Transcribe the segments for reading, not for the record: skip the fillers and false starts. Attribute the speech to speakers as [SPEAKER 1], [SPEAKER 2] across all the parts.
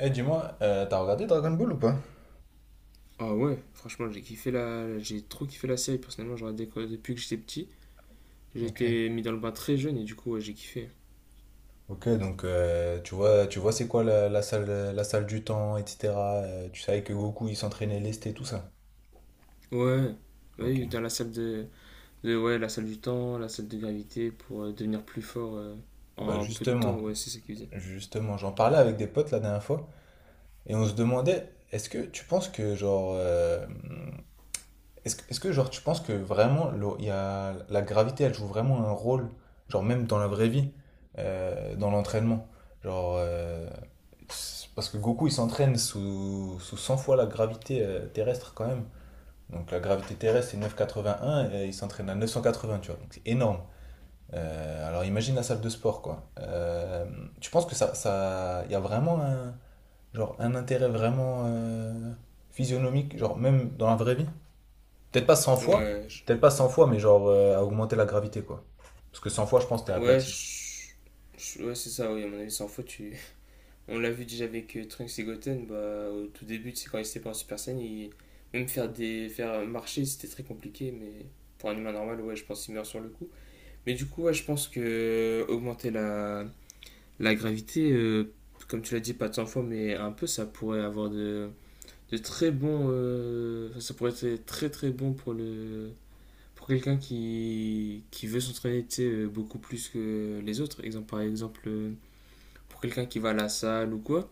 [SPEAKER 1] Eh, dis-moi, t'as regardé Dragon Ball ou pas?
[SPEAKER 2] Ah ouais, franchement, j'ai trop kiffé la série. Personnellement, j'aurais depuis que j'étais petit. J'ai
[SPEAKER 1] Ok.
[SPEAKER 2] été mis dans le bain très jeune et du coup, ouais, j'ai kiffé.
[SPEAKER 1] Ok, donc tu vois c'est quoi la salle du temps, etc. Tu savais que Goku il s'entraînait lesté, tout ça.
[SPEAKER 2] Ouais, bah
[SPEAKER 1] Ok.
[SPEAKER 2] oui, dans la salle de- Ouais, la salle du temps, la salle de gravité pour devenir plus fort
[SPEAKER 1] Et bah
[SPEAKER 2] en peu de temps.
[SPEAKER 1] justement,
[SPEAKER 2] Ouais, c'est ça qu'ils faisaient.
[SPEAKER 1] justement, j'en parlais avec des potes la dernière fois et on se demandait, est-ce que tu penses que genre est-ce que genre tu penses que vraiment il y a, la gravité elle joue vraiment un rôle, genre même dans la vraie vie, dans l'entraînement? Genre c'est parce que Goku il s'entraîne sous 100 fois la gravité terrestre quand même. Donc la gravité terrestre c'est 9,81 et il s'entraîne à 980, tu vois. Donc c'est énorme. Alors imagine la salle de sport quoi. Tu penses que ça, il y a vraiment un, genre un intérêt vraiment physionomique, genre même dans la vraie vie? Peut-être pas 100 fois,
[SPEAKER 2] Ouais, je-
[SPEAKER 1] peut-être pas 100 fois, mais genre à augmenter la gravité, quoi. Parce que 100 fois, je pense que t'es
[SPEAKER 2] ouais,
[SPEAKER 1] aplati.
[SPEAKER 2] je- ouais, c'est ça, oui, à mon avis, sans faute. On l'a vu déjà avec Trunks et Goten, bah, au tout début, c'est quand ils étaient pas en Super Saiyan, même faire marcher, c'était très compliqué, mais pour un humain normal, ouais, je pense qu'il meurt sur le coup. Mais du coup, ouais, je pense que augmenter la gravité, comme tu l'as dit, pas de 100 fois, mais un peu, ça pourrait avoir de très bons. Enfin, ça pourrait être très très bon pour le pour quelqu'un qui veut s'entraîner, tu sais, beaucoup plus que les autres. Par exemple, pour quelqu'un qui va à la salle ou quoi,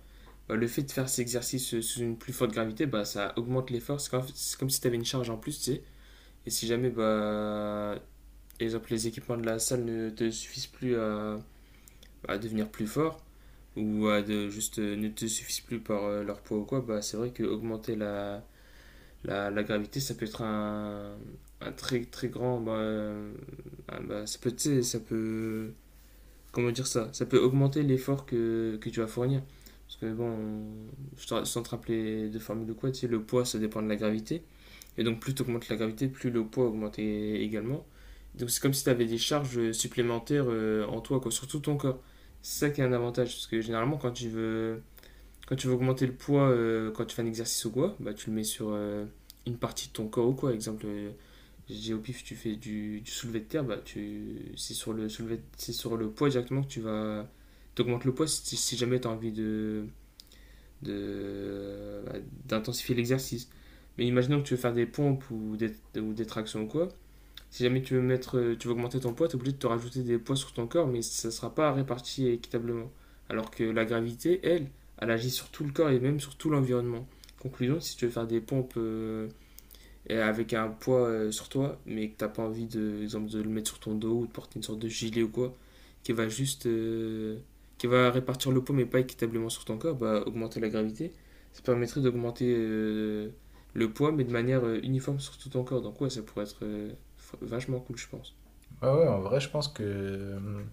[SPEAKER 2] bah, le fait de faire ces exercices sous une plus forte gravité, bah, ça augmente l'effort. C'est comme si tu avais une charge en plus, tu sais. Et si jamais, bah, exemple, les équipements de la salle ne te suffisent plus à devenir plus fort ou à de, juste ne te suffisent plus par leur poids ou quoi, bah, c'est vrai que augmenter la gravité, ça peut être un très très grand. Bah, ah, bah, ça peut, tu sais, ça peut. Comment dire ça? Ça peut augmenter l'effort que tu vas fournir. Parce que bon, sans te rappeler de formule ou quoi, tu sais, le poids, ça dépend de la gravité. Et donc plus tu augmentes la gravité, plus le poids augmente également. Donc c'est comme si tu avais des charges supplémentaires en toi, quoi, sur tout ton corps. C'est ça qui est un avantage, parce que généralement quand tu veux augmenter le poids, quand tu fais un exercice ou quoi, bah, tu le mets sur une partie de ton corps ou quoi. Exemple, je dis au pif, tu fais du soulevé de terre, bah, c'est sur le poids directement que tu vas... T'augmentes le poids si jamais tu as envie bah, d'intensifier l'exercice. Mais imaginons que tu veux faire des pompes ou des tractions ou quoi. Si jamais tu veux augmenter ton poids, tu es obligé de te rajouter des poids sur ton corps, mais ça ne sera pas réparti équitablement. Alors que la gravité, elle agit sur tout le corps et même sur tout l'environnement. Conclusion, si tu veux faire des pompes et avec un poids sur toi, mais que t'as pas envie de, exemple, de le mettre sur ton dos ou de porter une sorte de gilet ou quoi, qui va juste, euh, qui va répartir le poids mais pas équitablement sur ton corps, bah augmenter la gravité, ça permettrait d'augmenter le poids mais de manière uniforme sur tout ton corps. Donc ouais, ça pourrait être vachement cool, je pense.
[SPEAKER 1] Ouais, ouais, en vrai, je pense que.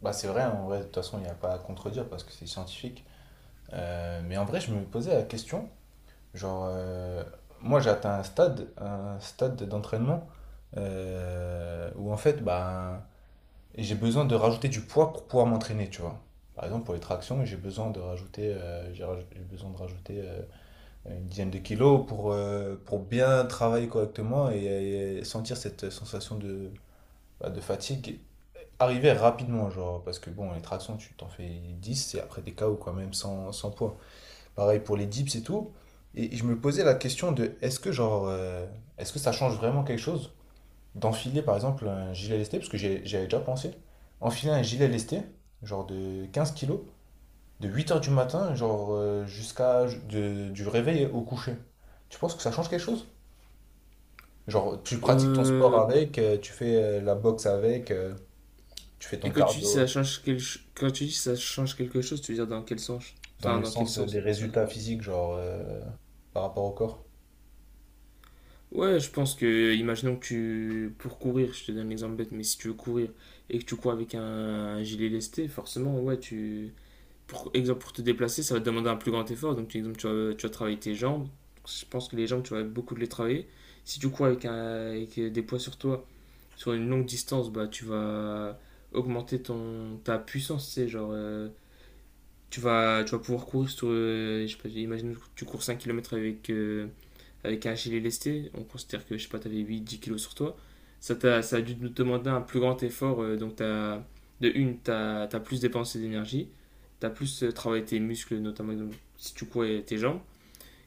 [SPEAKER 1] Bah, c'est vrai, hein, en vrai, de toute façon, il n'y a pas à contredire parce que c'est scientifique. Mais en vrai, je me posais la question, genre, moi, j'ai atteint un stade d'entraînement où en fait, bah, j'ai besoin de rajouter du poids pour pouvoir m'entraîner, tu vois. Par exemple, pour les tractions, j'ai besoin de rajouter une dizaine de kilos pour bien travailler correctement et sentir cette sensation de, bah, de fatigue arriver rapidement, genre, parce que bon, les tractions, tu t'en fais 10 et après des KO quand même, sans poids. Pareil pour les dips et tout. Et je me posais la question de genre, est-ce que ça change vraiment quelque chose d'enfiler par exemple un gilet lesté, parce que j'y avais déjà pensé, enfiler un gilet lesté, genre de 15 kilos, de 8 heures du matin, genre, jusqu'à du réveil au coucher. Tu penses que ça change quelque chose? Genre, tu pratiques ton sport
[SPEAKER 2] Euh,
[SPEAKER 1] avec, tu fais la boxe avec, tu fais
[SPEAKER 2] et
[SPEAKER 1] ton
[SPEAKER 2] quand tu dis
[SPEAKER 1] cardio,
[SPEAKER 2] ça
[SPEAKER 1] euh,
[SPEAKER 2] change quand tu dis ça change quelque chose, tu veux dire dans quel sens?
[SPEAKER 1] dans
[SPEAKER 2] Enfin,
[SPEAKER 1] le
[SPEAKER 2] dans quel
[SPEAKER 1] sens des
[SPEAKER 2] sens ça?
[SPEAKER 1] résultats physiques, genre, par rapport au corps.
[SPEAKER 2] Ouais, je pense que, imaginons pour courir, je te donne l'exemple bête, mais si tu veux courir et que tu cours avec un gilet lesté, forcément, ouais, pour exemple, pour te déplacer, ça va te demander un plus grand effort. Donc, exemple, tu vas travailler tes jambes. Je pense que les jambes, tu vas beaucoup les travailler. Si tu cours avec des poids sur toi, sur une longue distance, bah, tu vas augmenter ta puissance, tu sais, genre, tu vas pouvoir courir je sais pas, imagine que tu cours 5 kilomètres avec un gilet lesté, on considère que, je sais pas, t'avais 8 10 kilos sur toi, ça a dû nous demander un plus grand effort. Donc, de une, t'as as plus dépensé d'énergie, t'as plus travaillé tes muscles, notamment si tu courais tes jambes.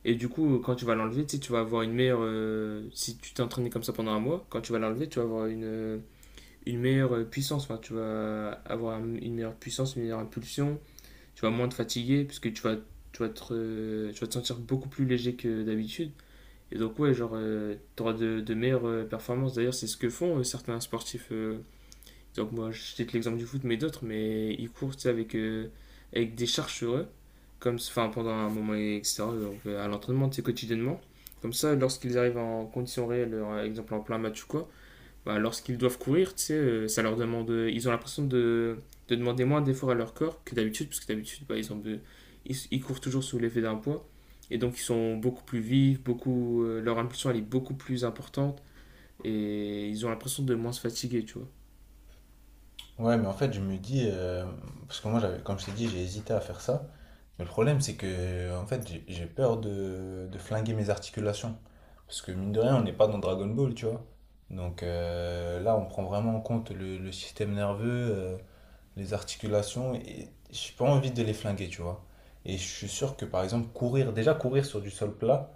[SPEAKER 2] Et du coup, quand tu vas l'enlever, tu vas avoir une meilleure. Si tu t'es entraîné comme ça pendant un mois, quand tu vas l'enlever, tu vas avoir une meilleure puissance. Enfin, tu vas avoir une meilleure puissance, une meilleure impulsion. Tu vas moins te fatiguer, puisque tu vas te sentir beaucoup plus léger que d'habitude. Et donc, ouais, genre, t'auras de meilleures performances. D'ailleurs, c'est ce que font certains sportifs. Donc, moi, je cite l'exemple du foot, mais d'autres, mais ils courent, tu sais, avec des charges sur eux, comme, enfin, pendant un moment, etc. Donc, à l'entraînement, tu sais, quotidiennement. Comme ça, lorsqu'ils arrivent en conditions réelles, par exemple en plein match ou quoi, bah, lorsqu'ils doivent courir, tu sais, ça leur demande. Ils ont l'impression de demander moins d'efforts à leur corps que d'habitude, parce que d'habitude, bah, ils, ont de- ils courent toujours sous l'effet d'un poids. Et donc, ils sont beaucoup plus vifs, leur impulsion elle est beaucoup plus importante, et ils ont l'impression de moins se fatiguer, tu vois.
[SPEAKER 1] Ouais, mais en fait, je me dis, parce que moi, j'avais, comme je t'ai dit, j'ai hésité à faire ça. Mais le problème, c'est que, en fait, j'ai peur de flinguer mes articulations. Parce que, mine de rien, on n'est pas dans Dragon Ball, tu vois. Donc là, on prend vraiment en compte le système nerveux, les articulations, et j'ai pas envie de les flinguer, tu vois. Et je suis sûr que, par exemple, courir, déjà courir sur du sol plat,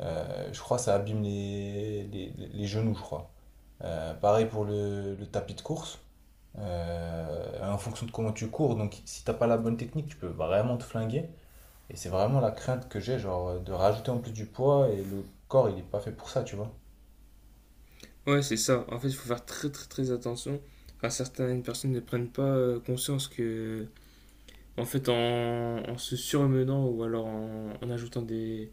[SPEAKER 1] je crois que ça abîme les genoux, je crois. Pareil pour le tapis de course en fonction de comment tu cours. Donc, si t'as pas la bonne technique, tu peux vraiment te flinguer. Et c'est vraiment la crainte que j'ai, genre, de rajouter en plus du poids et le corps, il est pas fait pour ça, tu vois.
[SPEAKER 2] Ouais, c'est ça. En fait, il faut faire très très très attention. Enfin, certaines personnes ne prennent pas conscience que, en fait, en se surmenant ou alors en, en ajoutant des,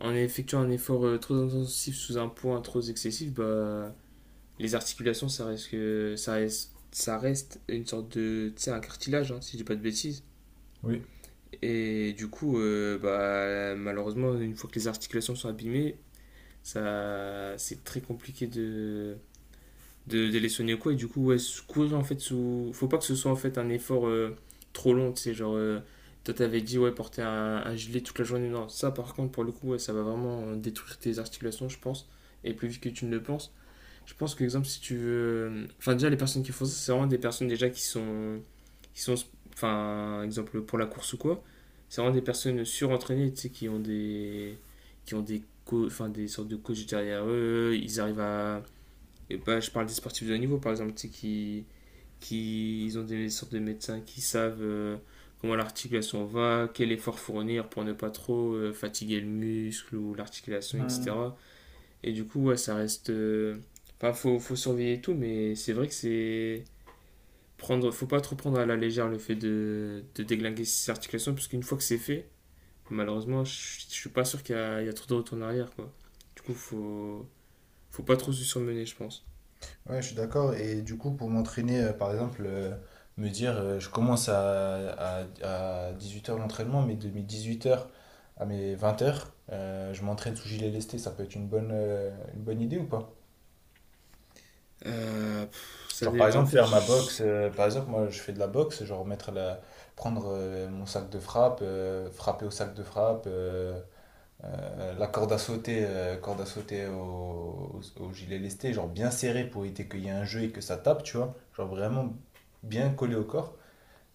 [SPEAKER 2] En effectuant un effort trop intensif sous un poids trop excessif, bah, les articulations, ça reste, que- ça reste une sorte de, tu sais, un cartilage, hein, si je dis pas de bêtises.
[SPEAKER 1] Oui.
[SPEAKER 2] Et du coup, bah, malheureusement, une fois que les articulations sont abîmées, ça, c'est très compliqué de les sonner ou quoi. Et du coup, ouais, courir en fait sous. Faut pas que ce soit en fait un effort trop long, tu sais, genre. Toi, t'avais dit, ouais, porter un gilet toute la journée. Non, ça, par contre, pour le coup, ouais, ça va vraiment détruire tes articulations, je pense. Et plus vite que tu ne le penses. Je pense que, exemple, si tu veux. Enfin, déjà, les personnes qui font ça, c'est vraiment des personnes déjà qui sont. Qui sont enfin, exemple, pour la course ou quoi. C'est vraiment des personnes surentraînées, tu sais, qui ont des. Qui ont des. Co Enfin, des sortes de coachs derrière eux. Ils arrivent à. Et bah, je parle des sportifs de haut niveau, par exemple, tu sais, qui ils ont des sortes de médecins qui savent comment l'articulation va, quel effort fournir pour ne pas trop fatiguer le muscle ou l'articulation,
[SPEAKER 1] Mm.
[SPEAKER 2] etc. Et du coup, ouais, ça reste. Enfin, faut surveiller tout, mais c'est vrai que c'est. Faut pas trop prendre à la légère le fait de déglinguer ses articulations, parce qu'une fois que c'est fait, malheureusement, je suis pas sûr qu'il y a trop de retour en arrière, quoi. Du coup, faut pas trop se surmener, je pense.
[SPEAKER 1] Ouais, je suis d'accord. Et du coup, pour m'entraîner, par exemple, me dire, je commence à 18 heures l'entraînement, mais de mes 18 heures à mes 20h, je m'entraîne sous gilet lesté, ça peut être une bonne idée ou pas?
[SPEAKER 2] Pff, ça
[SPEAKER 1] Genre par
[SPEAKER 2] dé- En
[SPEAKER 1] exemple
[SPEAKER 2] fait,
[SPEAKER 1] faire ma boxe,
[SPEAKER 2] je-
[SPEAKER 1] par exemple moi je fais de la boxe, genre prendre mon sac de frappe, frapper au sac de frappe, la corde à sauter au gilet lesté, genre bien serré pour éviter qu'il y ait un jeu et que ça tape, tu vois, genre vraiment bien collé au corps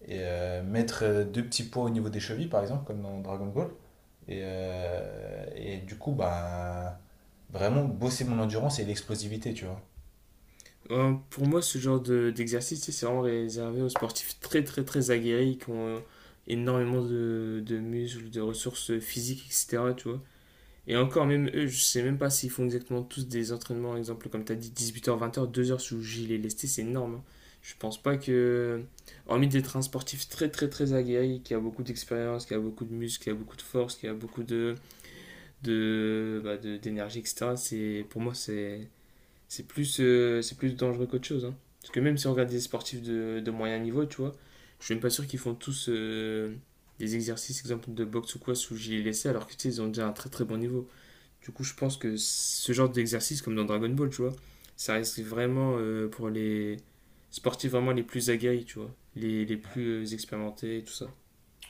[SPEAKER 1] et mettre deux petits poids au niveau des chevilles par exemple comme dans Dragon Ball et du coup bah vraiment bosser mon endurance et l'explosivité, tu vois.
[SPEAKER 2] pour moi, ce genre d'exercice, tu sais, c'est vraiment réservé aux sportifs très, très, très aguerris qui ont énormément de muscles, de ressources physiques, etc. Tu vois. Et encore, même eux, je sais même pas s'ils font exactement tous des entraînements, exemple, comme tu as dit, 18 h, 20 h, 2 h sous gilet lesté, c'est énorme. Hein. Je pense pas que, hormis d'être un sportif très, très, très aguerri, qui a beaucoup d'expérience, qui a beaucoup de muscles, qui a beaucoup de force, qui a beaucoup de bah, d'énergie, etc. Pour moi, c'est plus dangereux qu'autre chose. Hein. Parce que même si on regarde des sportifs de moyen niveau, tu vois, je suis même pas sûr qu'ils font tous des exercices, exemple de boxe ou quoi, sous gilet laissé, alors que tu sais, ils ont déjà un très très bon niveau. Du coup, je pense que ce genre d'exercice, comme dans Dragon Ball, tu vois, ça reste vraiment pour les sportifs vraiment les plus aguerris, tu vois, les plus expérimentés et tout ça.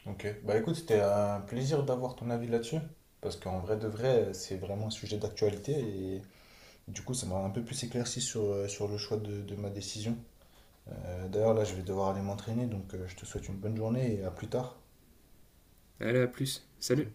[SPEAKER 1] Ok, bah écoute, c'était un plaisir d'avoir ton avis là-dessus, parce qu'en vrai de vrai, c'est vraiment un sujet d'actualité et du coup, ça m'a un peu plus éclairci sur le choix de ma décision. D'ailleurs, là, je vais devoir aller m'entraîner, donc je te souhaite une bonne journée et à plus tard.
[SPEAKER 2] Allez, à plus. Salut!